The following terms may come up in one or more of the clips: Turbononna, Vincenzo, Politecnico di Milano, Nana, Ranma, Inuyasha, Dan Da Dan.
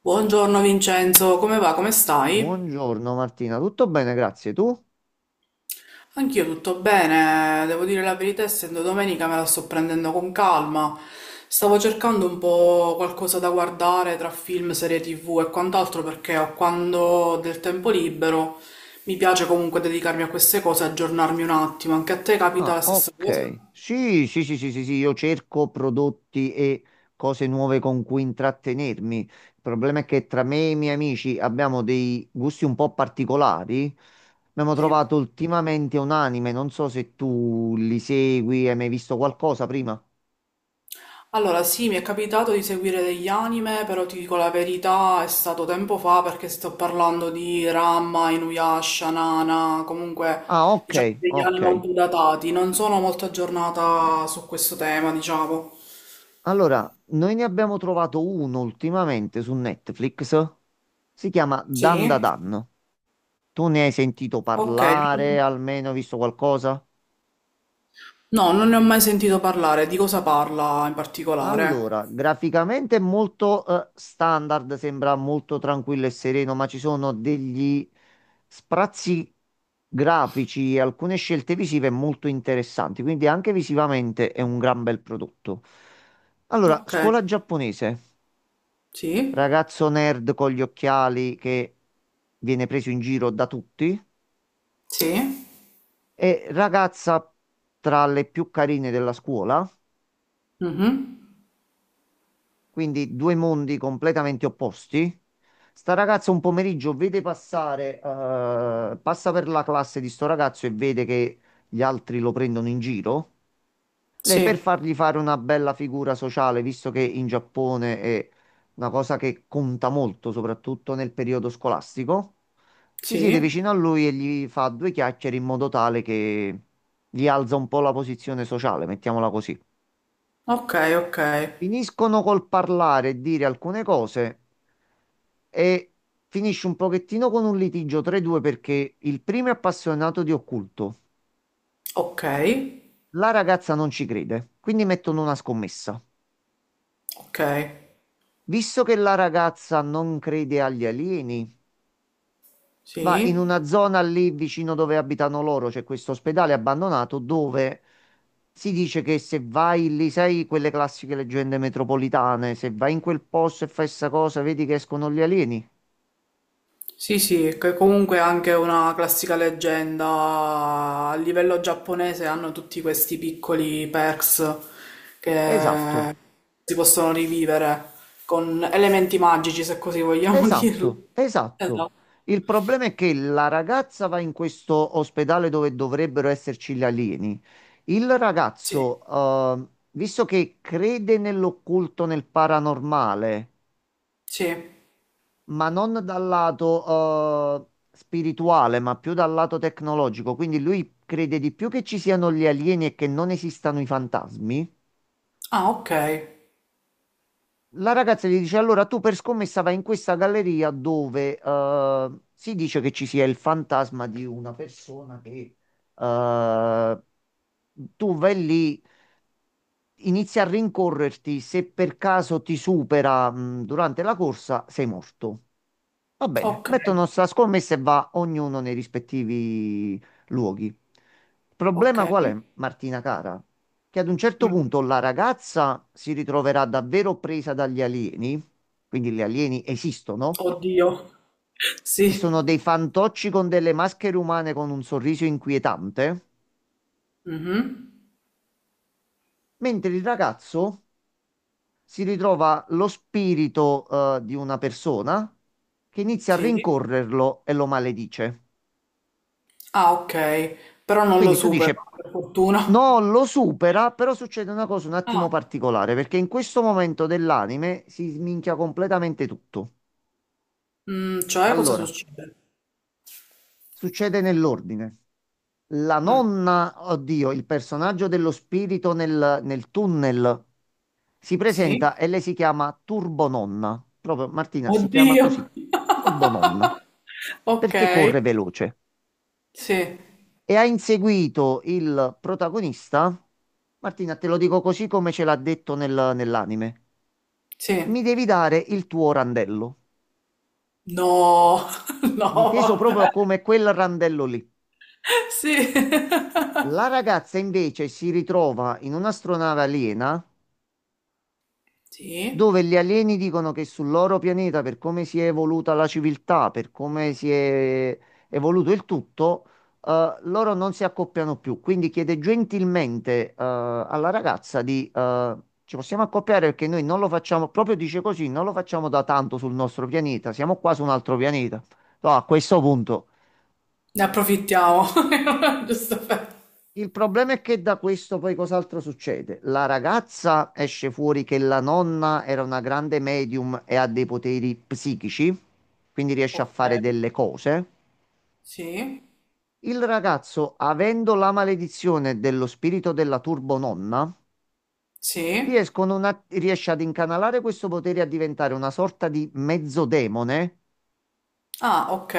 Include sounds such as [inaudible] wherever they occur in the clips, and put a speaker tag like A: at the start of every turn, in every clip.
A: Buongiorno Vincenzo, come va? Come stai?
B: Buongiorno Martina, tutto bene, grazie. Tu?
A: Anch'io tutto bene, devo dire la verità, essendo domenica me la sto prendendo con calma. Stavo cercando un po' qualcosa da guardare tra film, serie TV e quant'altro perché ho quando ho del tempo libero mi piace comunque dedicarmi a queste cose, aggiornarmi un attimo. Anche a te capita
B: Ah,
A: la stessa cosa?
B: ok. Sì, sì, sì, sì, sì, sì, io cerco prodotti e cose nuove con cui intrattenermi. Il problema è che tra me e i miei amici abbiamo dei gusti un po' particolari. Abbiamo
A: Sì.
B: trovato ultimamente un anime, non so se tu li segui, hai mai visto qualcosa prima?
A: Allora, sì, mi è capitato di seguire degli anime, però ti dico la verità, è stato tempo fa perché sto parlando di Ranma, Inuyasha, Nana, comunque
B: Ah, ok,
A: diciamo degli
B: ok.
A: anime un po' datati, non sono molto aggiornata su questo tema, diciamo.
B: Allora, noi ne abbiamo trovato uno ultimamente su Netflix. Si chiama Dan Da
A: Sì?
B: Dan. Tu ne hai sentito
A: Ok.
B: parlare, almeno visto qualcosa?
A: No, non ne ho mai sentito parlare, di cosa parla in particolare?
B: Allora, graficamente è molto standard, sembra molto tranquillo e sereno, ma ci sono degli sprazzi grafici e alcune scelte visive molto interessanti, quindi anche visivamente è un gran bel prodotto. Allora,
A: Ok.
B: scuola giapponese,
A: Sì?
B: ragazzo nerd con gli occhiali che viene preso in giro da tutti
A: Sì?
B: e ragazza tra le più carine della scuola,
A: Mhm.
B: quindi due mondi completamente opposti. Sta ragazza un pomeriggio passa per la classe di sto ragazzo e vede che gli altri lo prendono in giro. Lei per
A: Sì.
B: fargli fare una bella figura sociale, visto che in Giappone è una cosa che conta molto, soprattutto nel periodo scolastico, si siede
A: Sì.
B: vicino a lui e gli fa due chiacchiere in modo tale che gli alza un po' la posizione sociale, mettiamola così.
A: Ok, ok.
B: Finiscono col parlare e dire alcune cose e finisce un pochettino con un litigio tra i due perché il primo è appassionato di occulto.
A: Ok.
B: La ragazza non ci crede, quindi mettono una scommessa.
A: Ok.
B: Visto che la ragazza non crede agli alieni, va in
A: Sì.
B: una zona lì vicino dove abitano loro, c'è questo ospedale abbandonato dove si dice che se vai lì, sai quelle classiche leggende metropolitane, se vai in quel posto e fai sta cosa, vedi che escono gli alieni.
A: Sì, sì, che comunque è anche una classica leggenda. A livello giapponese hanno tutti questi piccoli perks
B: Esatto.
A: che si possono rivivere con elementi magici, se così vogliamo [laughs]
B: Esatto,
A: dirli.
B: esatto.
A: Esatto.
B: Il problema è che la ragazza va in questo ospedale dove dovrebbero esserci gli alieni. Il
A: Sì,
B: ragazzo, visto che crede nell'occulto, nel paranormale,
A: sì.
B: ma non dal lato, spirituale, ma più dal lato tecnologico, quindi lui crede di più che ci siano gli alieni e che non esistano i fantasmi.
A: Ah, ok,
B: La ragazza gli dice: Allora tu per scommessa vai in questa galleria dove si dice che ci sia il fantasma di una persona che eh, tu vai lì, inizi a rincorrerti. Se per caso ti supera durante la corsa, sei morto. Va bene,
A: ok,
B: mettono sta scommessa e va ognuno nei rispettivi luoghi. Il
A: ok.
B: problema qual è, Martina cara? Che ad un certo
A: Mm.
B: punto la ragazza si ritroverà davvero presa dagli alieni, quindi gli alieni esistono,
A: Oddio. [laughs]
B: e
A: Sì.
B: sono dei fantocci con delle maschere umane con un sorriso inquietante,
A: Mhm.
B: mentre il ragazzo si ritrova lo spirito, di una persona che inizia a
A: Sì.
B: rincorrerlo e lo maledice.
A: Ah, ok. Però non lo
B: Quindi tu dici,
A: supero, per fortuna.
B: non lo supera, però succede una cosa un attimo
A: Ah,
B: particolare, perché in questo momento dell'anime si sminchia completamente tutto.
A: mm, cioè cosa
B: Allora,
A: succede?
B: succede nell'ordine. La
A: Mm.
B: nonna, oddio, il personaggio dello spirito nel tunnel si
A: Sì.
B: presenta e lei si chiama Turbononna. Proprio Martina si chiama così,
A: Oddio. [laughs]
B: Turbononna,
A: Ok.
B: perché corre veloce.
A: Sì.
B: E ha inseguito il protagonista. Martina, te lo dico così come ce l'ha detto nell'anime.
A: Sì.
B: Mi devi dare il tuo randello,
A: No. [laughs] No,
B: inteso
A: vabbè.
B: proprio come quel randello lì.
A: Sì.
B: La ragazza invece si ritrova in un'astronave aliena
A: Sì.
B: dove gli alieni dicono che sul loro pianeta, per come si è evoluta la civiltà, per come si è evoluto il tutto, loro non si accoppiano più. Quindi chiede gentilmente, alla ragazza di, ci possiamo accoppiare perché noi non lo facciamo, proprio dice così, non lo facciamo da tanto sul nostro pianeta, siamo qua su un altro pianeta. No, a questo punto.
A: Ne approfittiamo. [laughs] Giusto per...
B: Il problema è che da questo poi cos'altro succede? La ragazza esce fuori che la nonna era una grande medium e ha dei poteri psichici, quindi riesce a
A: Ok.
B: fare delle cose.
A: Sì.
B: Il ragazzo, avendo la maledizione dello spirito della turbononna,
A: Sì.
B: riesce ad incanalare questo potere a diventare una sorta di mezzodemone
A: Ah, ok.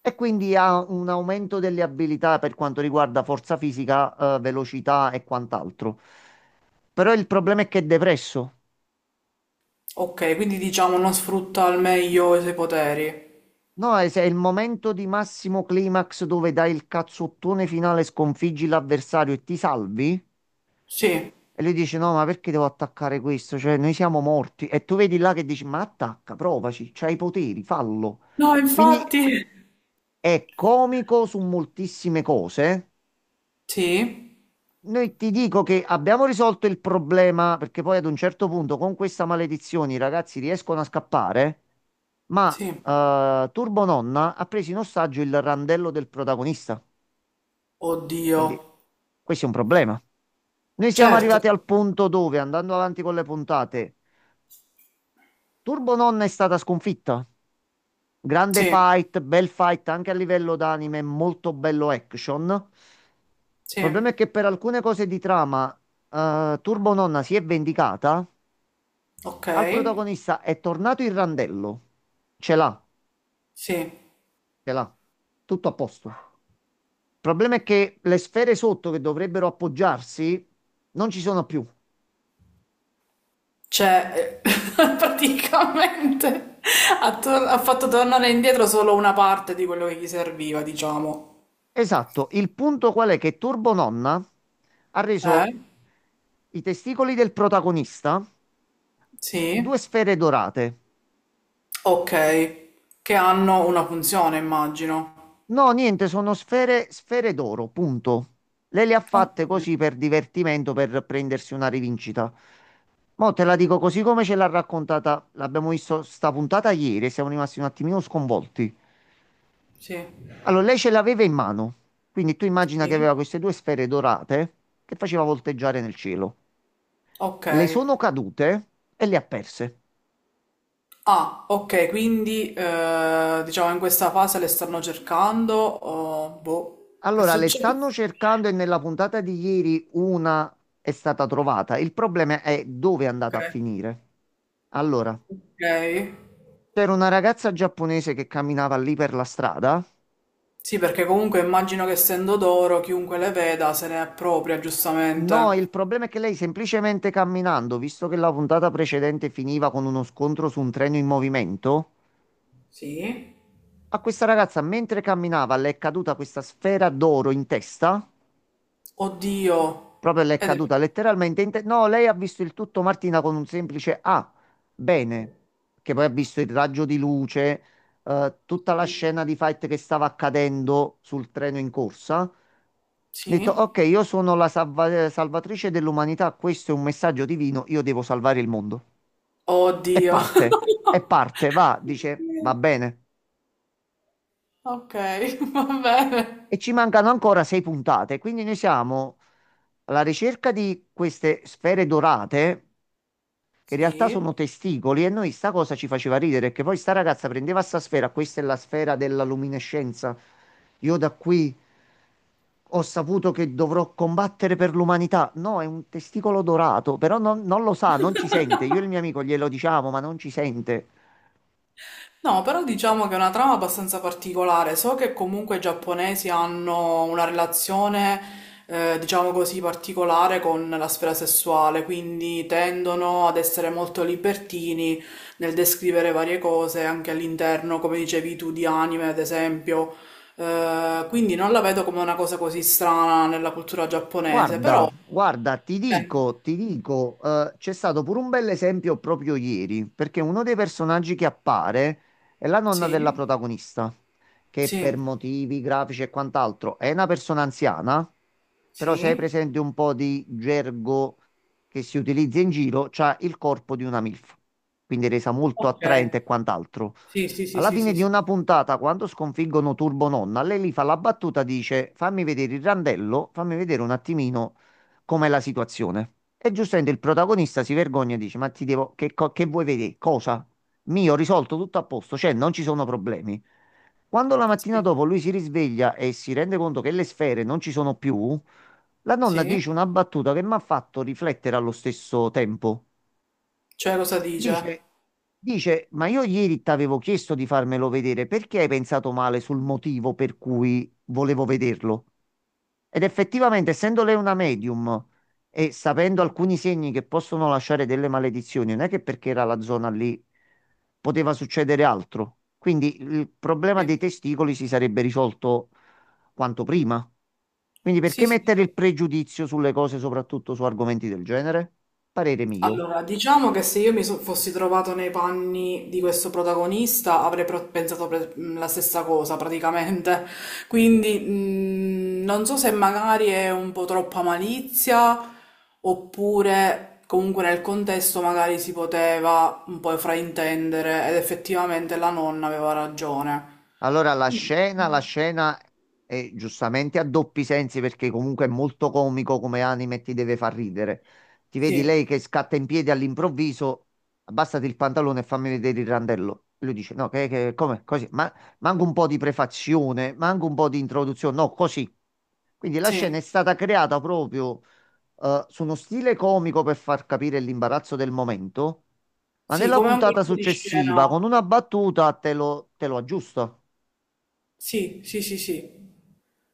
B: e quindi ha un aumento delle abilità per quanto riguarda forza fisica, velocità e quant'altro. Però il problema è che è depresso.
A: Ok, quindi diciamo non sfrutta al meglio i suoi poteri.
B: No, è il momento di massimo climax dove dai il cazzottone finale, sconfiggi l'avversario e ti salvi.
A: Sì.
B: E lui dice: No, ma perché devo attaccare questo? Cioè, noi siamo morti. E tu vedi là che dici: Ma attacca, provaci, c'hai i poteri, fallo.
A: No,
B: Quindi
A: infatti.
B: è comico su moltissime cose.
A: Sì.
B: Noi ti dico che abbiamo risolto il problema perché poi ad un certo punto con questa maledizione i ragazzi riescono a scappare, ma
A: Sì.
B: Turbo Nonna ha preso in ostaggio il randello del protagonista.
A: Oddio.
B: Quindi questo è un problema. Noi siamo
A: Certo.
B: arrivati al punto dove, andando avanti con le puntate, Turbo Nonna è stata sconfitta. Grande
A: Sì.
B: fight, bel fight anche a livello d'anime, molto bello action. Il
A: Sì.
B: problema è che per alcune cose di trama, Turbo Nonna si è vendicata.
A: Ok.
B: Al protagonista è tornato il randello. Ce l'ha,
A: Sì.
B: ce l'ha. Tutto a posto. Il problema è che le sfere sotto che dovrebbero appoggiarsi non ci sono più.
A: Cioè, [laughs] praticamente ha fatto tornare indietro solo una parte di quello che gli serviva, diciamo.
B: Esatto, il punto qual è che Turbo Nonna ha
A: Eh?
B: reso i testicoli del protagonista
A: Sì?
B: due sfere dorate.
A: Ok. Che hanno una funzione, immagino.
B: No, niente, sono sfere, sfere d'oro, punto. Lei le ha
A: Ok.
B: fatte così per divertimento, per prendersi una rivincita. Mo' te la dico così come ce l'ha raccontata, l'abbiamo visto sta puntata ieri e siamo rimasti un attimino sconvolti.
A: Sì.
B: Allora, lei ce l'aveva in mano, quindi tu immagina che
A: Sì.
B: aveva queste due sfere dorate che faceva volteggiare nel cielo.
A: Ok.
B: Le sono cadute e le ha perse.
A: Ah, ok, quindi diciamo in questa fase le stanno cercando. O boh, che
B: Allora le
A: succede?
B: stanno cercando e nella puntata di ieri una è stata trovata. Il problema è dove è
A: Ok.
B: andata a finire. Allora,
A: Ok.
B: c'era una ragazza giapponese che camminava lì per la strada.
A: Sì, perché comunque immagino che essendo d'oro chiunque le veda se ne appropria, giustamente.
B: No, il problema è che lei semplicemente camminando, visto che la puntata precedente finiva con uno scontro su un treno in movimento,
A: Sì.
B: a questa ragazza mentre camminava le è caduta questa sfera d'oro in testa. Proprio le
A: Oddio.
B: è
A: Ed è...
B: caduta letteralmente. No, lei ha visto il tutto, Martina, con un semplice ah, bene, che poi ha visto il raggio di luce, tutta la
A: Sì?
B: scena di fight che stava accadendo sul treno in corsa. Ha detto,
A: Sì.
B: ok, io sono la salvatrice dell'umanità, questo è un messaggio divino, io devo salvare il mondo. E
A: Oddio.
B: parte,
A: [laughs]
B: e parte, va, dice, va bene.
A: Ok, [laughs] va bene.
B: E ci mancano ancora 6 puntate, quindi noi siamo alla ricerca di queste sfere dorate che in realtà
A: Sì.
B: sono testicoli e noi sta cosa ci faceva ridere, che poi sta ragazza prendeva sta sfera, questa è la sfera della luminescenza. Io da qui ho saputo che dovrò combattere per l'umanità. No, è un testicolo dorato, però non lo sa, non ci sente. Io e il mio amico glielo diciamo, ma non ci sente.
A: No, però diciamo che è una trama abbastanza particolare. So che comunque i giapponesi hanno una relazione, diciamo così, particolare con la sfera sessuale, quindi tendono ad essere molto libertini nel descrivere varie cose anche all'interno, come dicevi tu, di anime, ad esempio. Quindi non la vedo come una cosa così strana nella cultura giapponese, però...
B: Guarda, guarda,
A: eh,
B: ti dico, c'è stato pure un bel esempio proprio ieri, perché uno dei personaggi che appare è la nonna della
A: sì,
B: protagonista, che per
A: sì,
B: motivi grafici e quant'altro è una persona anziana, però se hai
A: sì,
B: presente un po' di gergo che si utilizza in giro, c'ha il corpo di una MILF, quindi resa molto
A: ok.
B: attraente e quant'altro.
A: Sì, sì, sì,
B: Alla
A: sì,
B: fine
A: sì,
B: di
A: sì,
B: una puntata, quando sconfiggono Turbo Nonna, lei lì fa la battuta, dice fammi vedere il randello, fammi vedere un attimino com'è la situazione. E giustamente il protagonista si vergogna e dice ma ti devo, che vuoi vedere? Cosa? Mio, ho risolto tutto a posto, cioè non ci sono problemi. Quando la mattina
A: sì,
B: dopo lui si risveglia e si rende conto che le sfere non ci sono più, la donna
A: sì.
B: dice una battuta che mi ha fatto riflettere allo stesso tempo.
A: Cioè, cosa dice?
B: Dice, dice, ma io ieri ti avevo chiesto di farmelo vedere, perché hai pensato male sul motivo per cui volevo vederlo? Ed effettivamente, essendo lei una medium e sapendo alcuni segni che possono lasciare delle maledizioni, non è che perché era la zona lì poteva succedere altro. Quindi il problema dei
A: Sì.
B: testicoli si sarebbe risolto quanto prima. Quindi
A: Sì,
B: perché
A: sì,
B: mettere
A: sì.
B: il pregiudizio sulle cose, soprattutto su argomenti del genere? Parere mio.
A: Allora, diciamo che se io fossi trovato nei panni di questo protagonista avrei pensato la stessa cosa praticamente. Quindi non so se magari è un po' troppa malizia oppure comunque nel contesto magari si poteva un po' fraintendere ed effettivamente la nonna aveva ragione.
B: Allora, la scena è giustamente a doppi sensi perché comunque è molto comico come anime e ti deve far ridere. Ti vedi
A: Sì,
B: lei che scatta in piedi all'improvviso, abbassati il pantalone e fammi vedere il randello. E lui dice, no, come, così, ma manca un po' di prefazione, manca un po' di introduzione, no, così. Quindi la scena
A: sì,
B: è stata creata proprio su uno stile comico per far capire l'imbarazzo del momento, ma
A: sì,
B: nella
A: come un
B: puntata
A: colpo di
B: successiva, con
A: scena.
B: una battuta, te lo aggiusta.
A: Sì, sì, sì, sì.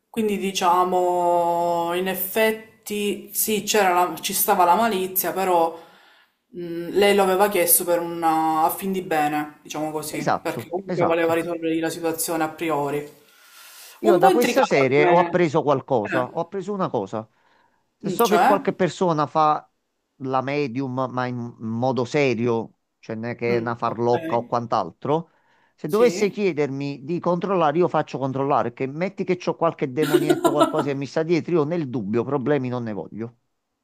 A: Quindi diciamo, in effetti sì, ci stava la malizia, però lei lo aveva chiesto per una, a fin di bene, diciamo così, perché
B: Esatto,
A: comunque voleva
B: esatto.
A: risolvere la situazione a priori.
B: Io
A: Un po'
B: da questa
A: intricata
B: serie ho
A: come...
B: appreso qualcosa, ho
A: eh,
B: appreso una cosa. Se
A: mm,
B: so che
A: cioè?
B: qualche persona fa la medium, ma in modo serio, cioè non è che è
A: Mm,
B: una
A: ok,
B: farlocca o quant'altro, se dovesse
A: sì.
B: chiedermi di controllare, io faccio controllare, che metti che c'ho qualche demonietto,
A: [laughs]
B: qualcosa che mi sta dietro, io nel dubbio problemi non ne voglio.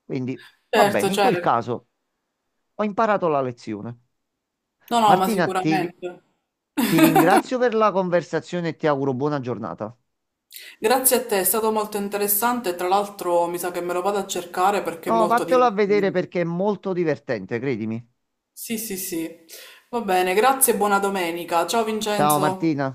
B: Quindi va bene,
A: Certo,
B: in quel
A: certo.
B: caso ho imparato la lezione.
A: No, no, ma
B: Martina,
A: sicuramente. [laughs]
B: ti ringrazio per la conversazione e ti auguro buona giornata.
A: Grazie a te, è stato molto interessante. Tra l'altro, mi sa che me lo vado a cercare perché è
B: No,
A: molto
B: vattelo a vedere
A: divertente.
B: perché è molto divertente, credimi.
A: Sì, sì, sì. Va bene, grazie e buona domenica. Ciao
B: Ciao
A: Vincenzo.
B: Martina.